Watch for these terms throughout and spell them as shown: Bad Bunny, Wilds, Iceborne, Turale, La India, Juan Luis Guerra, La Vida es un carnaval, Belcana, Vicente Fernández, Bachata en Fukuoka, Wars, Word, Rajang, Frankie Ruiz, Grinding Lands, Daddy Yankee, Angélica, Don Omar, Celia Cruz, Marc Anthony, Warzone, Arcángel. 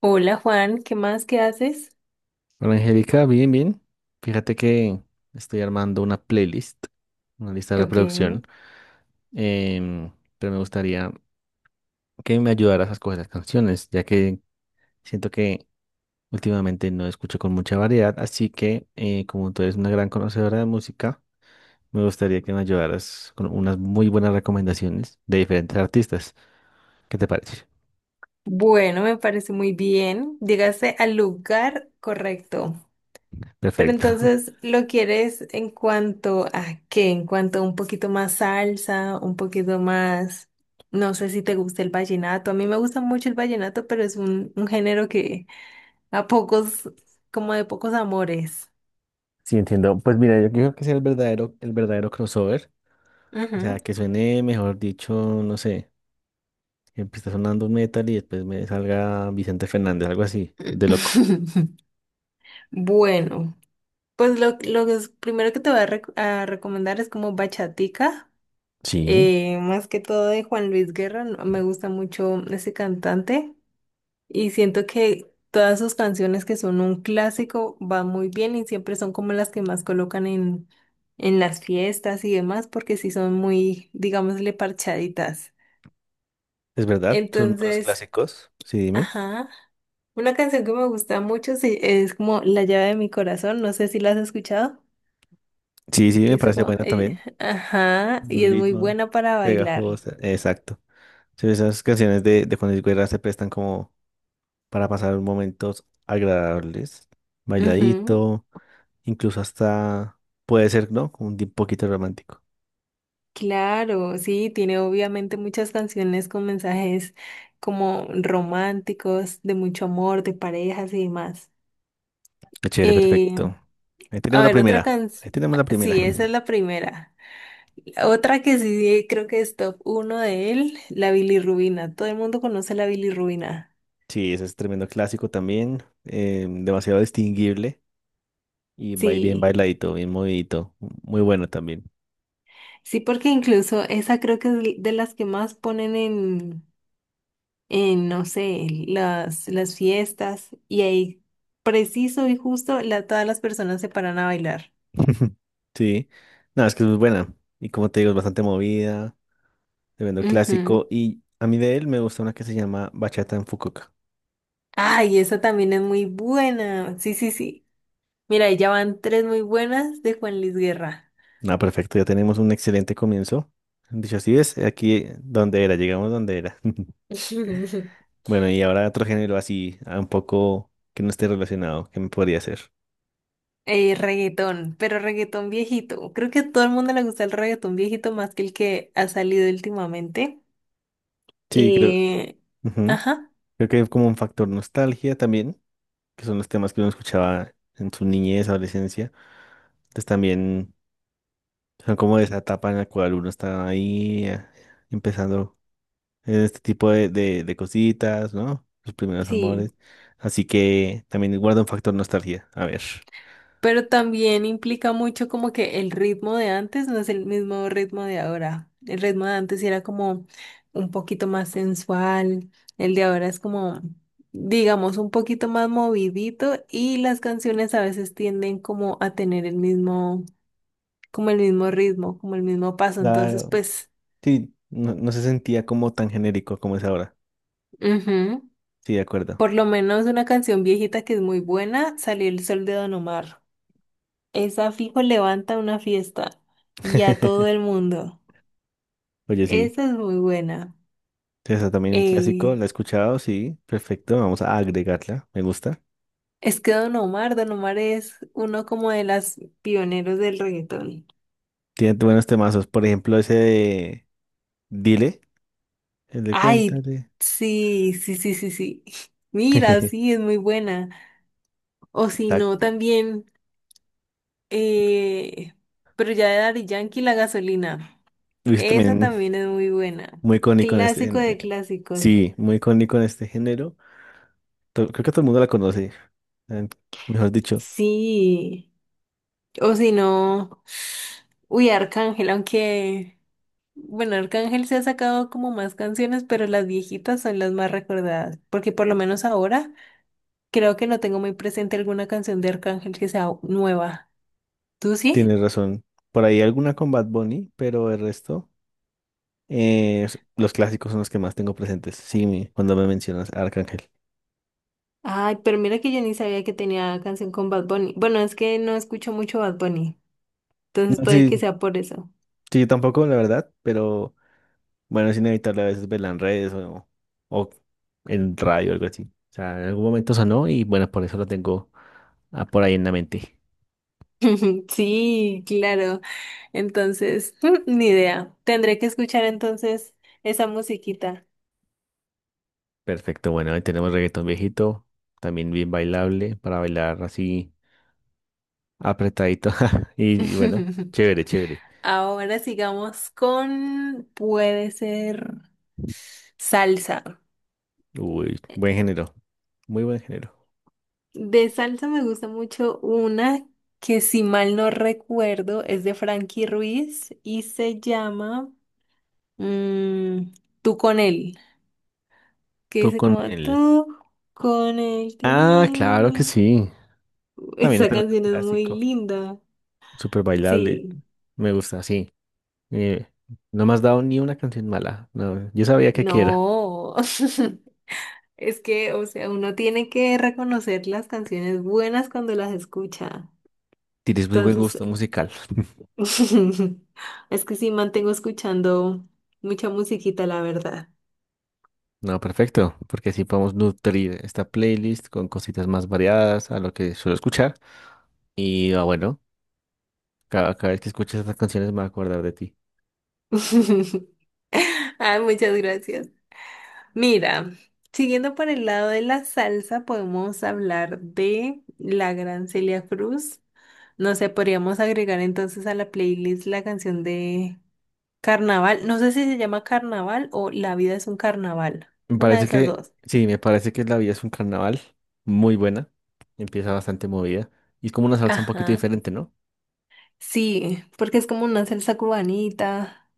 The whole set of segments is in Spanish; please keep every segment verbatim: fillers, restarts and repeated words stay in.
Hola Juan, ¿qué más? ¿Qué haces? Hola Angélica, bien, bien. Fíjate que estoy armando una playlist, una lista de Ok. reproducción, em, pero me gustaría que me ayudaras a escoger las canciones, ya que siento que últimamente no escucho con mucha variedad, así que eh, como tú eres una gran conocedora de música, me gustaría que me ayudaras con unas muy buenas recomendaciones de diferentes artistas. ¿Qué te parece? Bueno, me parece muy bien. Llegaste al lugar correcto. Pero Perfecto. entonces, ¿lo quieres en cuanto a qué? En cuanto a un poquito más salsa, un poquito más... No sé si te gusta el vallenato. A mí me gusta mucho el vallenato, pero es un, un género que a pocos, como de pocos amores. Sí, entiendo. Pues mira, yo creo que es el verdadero, el verdadero crossover, o sea, Ujú. que suene, mejor dicho, no sé. Empieza sonando un metal y después me salga Vicente Fernández, algo así, de loco. Bueno. Pues lo, lo que es- primero que te voy a, rec- a recomendar es como Bachatica, Sí. eh, más que todo de Juan Luis Guerra, no- me gusta mucho ese cantante y siento que todas sus canciones que son un clásico van muy bien y siempre son como las que más colocan en, en las fiestas y demás porque sí son muy, digámosle, parchaditas. Es verdad, son unos Entonces, clásicos. Sí, dime. ajá, una canción que me gusta mucho sí, es como La llave de mi corazón, no sé si la has escuchado. Sí, sí, Que me hizo parece como, buena eh, también. ajá, y Buen es muy ritmo, buena para bailar. pegajosa. Exacto. Sí, esas canciones de, de Juan Luis Guerra se prestan como para pasar momentos agradables, Ujú. bailadito, incluso hasta puede ser, ¿no? Como Un di- poquito romántico. Claro, sí, tiene obviamente muchas canciones con mensajes como románticos, de mucho amor, de parejas y demás. Qué chévere, Eh, perfecto. Ahí a tenemos la ver, otra primera. Ahí canción, tenemos la primera. sí, esa es la primera. Otra que sí creo que es top uno de él, la bilirrubina. Todo el mundo conoce la bilirrubina. Sí, ese es tremendo clásico también, eh, demasiado distinguible y va bien Sí, bailadito, bien movidito, muy bueno también. sí, porque incluso esa creo que es de las que más ponen en en, no sé, las, las fiestas y ahí preciso y justo la, todas las personas se paran a bailar. Sí, no, es que es muy buena y como te digo, es bastante movida, tremendo clásico Ujú. y a mí de él me gusta una que se llama Bachata en Fukuoka. Ay, esa también es muy buena. Sí, sí, sí. Mira, ahí ya van tres muy buenas de Juan Luis Guerra. Nada, perfecto, ya tenemos un excelente comienzo. Dicho así es, aquí eh, donde era, llegamos donde era. Bueno, y ahora otro género así, ah, un poco que no esté relacionado, que me podría hacer. Eh, reggaetón, pero reggaetón viejito. Creo que a todo el mundo le gusta el reggaetón viejito más que el que ha salido últimamente. Sí, creo, Eh, ujú. ajá, Creo que hay como un factor nostalgia también, que son los temas que uno escuchaba en su niñez, adolescencia. Entonces también son como esa etapa en la cual uno está ahí eh, empezando en este tipo de, de, de cositas, ¿no? Los primeros sí. amores. Así que también guarda un factor nostalgia. A ver. Pero también implica mucho como que el ritmo de antes no es el mismo ritmo de ahora. El ritmo de antes era como un poquito más sensual, el de ahora es como, digamos, un poquito más movidito y las canciones a veces tienden como a tener el mismo, como el mismo ritmo, como el mismo paso. Entonces, Claro. pues, Sí, no, no se sentía como tan genérico como es ahora. ujú. Sí, de acuerdo. Por lo menos una canción viejita que es muy buena, Salió el sol de Don Omar. Esa fijo levanta una fiesta y a todo el mundo. Oye, sí. Esa es muy buena. Esa también un clásico, la he Eh, escuchado, sí, perfecto, vamos a agregarla, me gusta. es que Don Omar, Don Omar es uno como de las pioneros del reggaetón. Tiene buenos temazos, por ejemplo, ese de Dile, el de Ay, Cuéntale. sí, sí, sí, sí, sí. Mira, sí, es muy buena. O si no, Exacto. también, eh, pero ya de Daddy Yankee, La Gasolina. Luis Esa también también es muy buena. muy icónico en este. en- Clásico de eh, clásicos. Sí, muy icónico en este género. To- Creo que todo el mundo la conoce. eh, Mejor dicho, Sí. O si no, uy, Arcángel, aunque... Bueno, Arcángel se ha sacado como más canciones, pero las viejitas son las más recordadas, porque por lo menos ahora creo que no tengo muy presente alguna canción de Arcángel que sea nueva. ¿Tú sí? tienes razón. Por ahí alguna con Bad Bunny, pero el resto, eh, s- los clásicos son los que más tengo presentes. Sí, mi- cuando me mencionas a Arcángel. Ay, pero mira que yo ni sabía que tenía canción con Bad Bunny. Bueno, es que no escucho mucho Bad Bunny, entonces No, puede que sí, sea por eso. sí, yo tampoco, la verdad, pero. Bueno, es inevitable a veces verla en redes o, o en radio, algo así. O sea, en algún momento sonó y bueno, por eso lo tengo ah, por ahí en la mente. Sí, claro. Entonces, ni idea. Tendré que escuchar entonces esa musiquita. Perfecto, bueno, ahí tenemos reggaetón viejito, también bien bailable, para bailar así apretadito. Y, y bueno, chévere, chévere. Ahora sigamos con, puede ser. Salsa. Uy, buen género, muy buen género. De salsa me gusta mucho una que si mal no recuerdo es de Frankie Ruiz y se llama mm, Tú con él, que Tú dice con como el... tú con él. Ti, ni, Ah, ni, ni, claro que ni". sí. También es Esa tremendo canción es muy clásico, linda. súper bailable. Sí, Me gusta, sí. Eh, no me has dado ni una canción mala. No, yo sabía que aquí era. no. Es que, o sea, uno tiene que reconocer las canciones buenas cuando las escucha. Tienes muy buen Entonces, gusto musical. es que sí, mantengo escuchando mucha musiquita, la verdad. No, perfecto, porque así podemos nutrir esta playlist con cositas más variadas a lo que suelo escuchar. Y ah, bueno, cada, cada vez que escuches estas canciones me voy a acordar de ti. Ay, muchas gracias. Mira, siguiendo por el lado de la salsa, podemos hablar de la gran Celia Cruz. No sé, podríamos agregar entonces a la playlist la canción de Carnaval. No sé si se llama Carnaval o La vida es un carnaval. Me Una de parece esas que, dos. sí, me parece que La Vida es un carnaval muy buena. Empieza bastante movida. Y es como una salsa un poquito Ajá. diferente, ¿no? Sí, porque es como una salsa cubanita,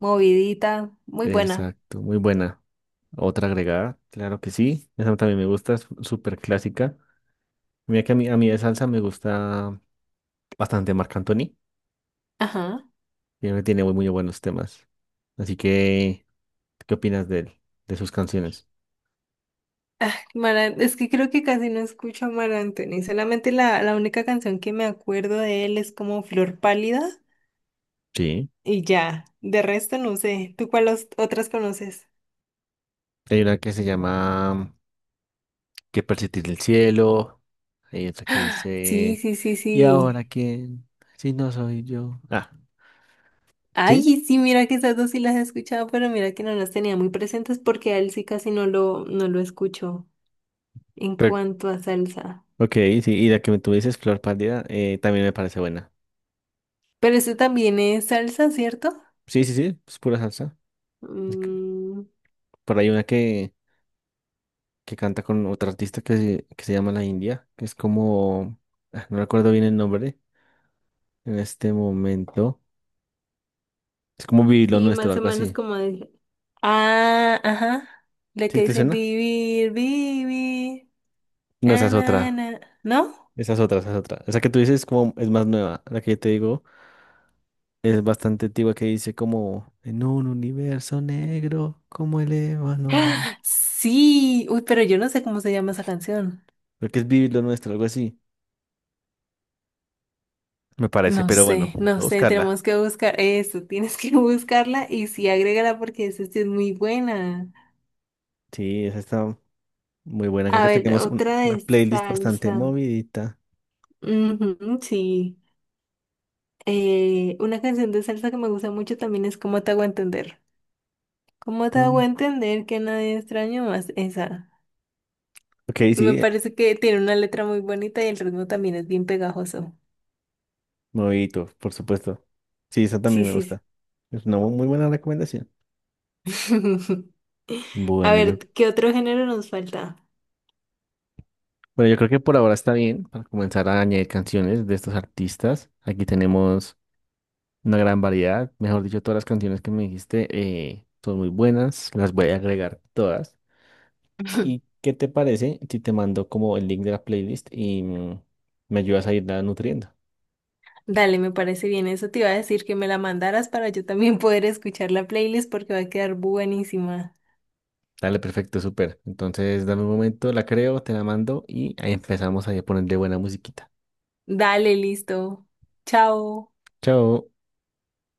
movidita, muy buena. Exacto, muy buena. Otra agregada, claro que sí. Esa también me gusta, es súper clásica. Mira que a mí, a mí de salsa me gusta bastante Marc Anthony. Ajá. Tiene, tiene muy, muy buenos temas. Así que, ¿qué opinas de él, de sus canciones? Mara, es que creo que casi no escucho a Mar Anthony. Solamente la, la única canción que me acuerdo de él es como Flor Pálida Sí. y ya. De resto no sé. ¿Tú cuáles otras conoces? Hay una que se llama Que persistir el cielo. Hay otra que Sí, dice sí, sí, ¿Y ahora sí. quién? Si no soy yo. Ah, Ay, sí. sí, mira que esas dos sí las he escuchado, pero mira que no las tenía muy presentes porque a él sí casi no lo, no lo escucho en Pero, cuanto a salsa. ok, sí. Y la que tú dices, Flor Pálida, eh, también me parece buena. Pero eso también es salsa, ¿cierto? Sí, sí, sí. Es pura salsa. Es que Mm. por ahí hay una que, que canta con otra artista que, se- que se llama La India, que es como. ah, No recuerdo bien el nombre en este momento. Es como Vivir lo Y nuestro, más o algo menos así. como de, ah, ajá. La ¿Sí que te dice suena? vivir, vivir. No, esa Na, es na, otra. na". ¿No? Esa es otra, esa es otra. Esa que tú dices es como es más nueva. La que yo te digo es bastante antigua, que dice como en un universo negro como el ébano más. ¡Ah! Sí. Uy, pero yo no sé cómo se llama esa canción. Creo que es Vivir lo nuestro, algo así. Me parece, No pero bueno, sé, voy no a sé. buscarla. Tenemos que buscar eso. Tienes que buscarla y sí, agrégala porque esa sí es muy buena. Sí, esa está muy buena. Creo A que ver, tenemos un- otra una de playlist bastante salsa. movidita. Ujú, sí. Eh, una canción de salsa que me gusta mucho también es ¿Cómo te hago entender? ¿Cómo te hago Pum. entender que nadie extraño más esa? Ok, Me sí, eh, parece que tiene una letra muy bonita y el ritmo también es bien pegajoso. movidito, por supuesto. Sí, esa Sí, también me sí. gusta. Es una muy buena recomendación. Sí. A Bueno, yo ver, ¿qué otro género nos falta? Bueno, yo creo que por ahora está bien para comenzar a añadir canciones de estos artistas. Aquí tenemos una gran variedad. Mejor dicho, todas las canciones que me dijiste eh, son muy buenas. Las voy a agregar todas. ¿Y qué te parece si te mando como el link de la playlist y mm, me ayudas a irla nutriendo? Dale, me parece bien. Eso te iba a decir que me la mandaras para yo también poder escuchar la playlist porque va a quedar buenísima. Dale, perfecto, súper. Entonces, dame un momento, la creo, te la mando y ahí empezamos ahí a ponerle buena musiquita. Dale, listo. Chao. Chao.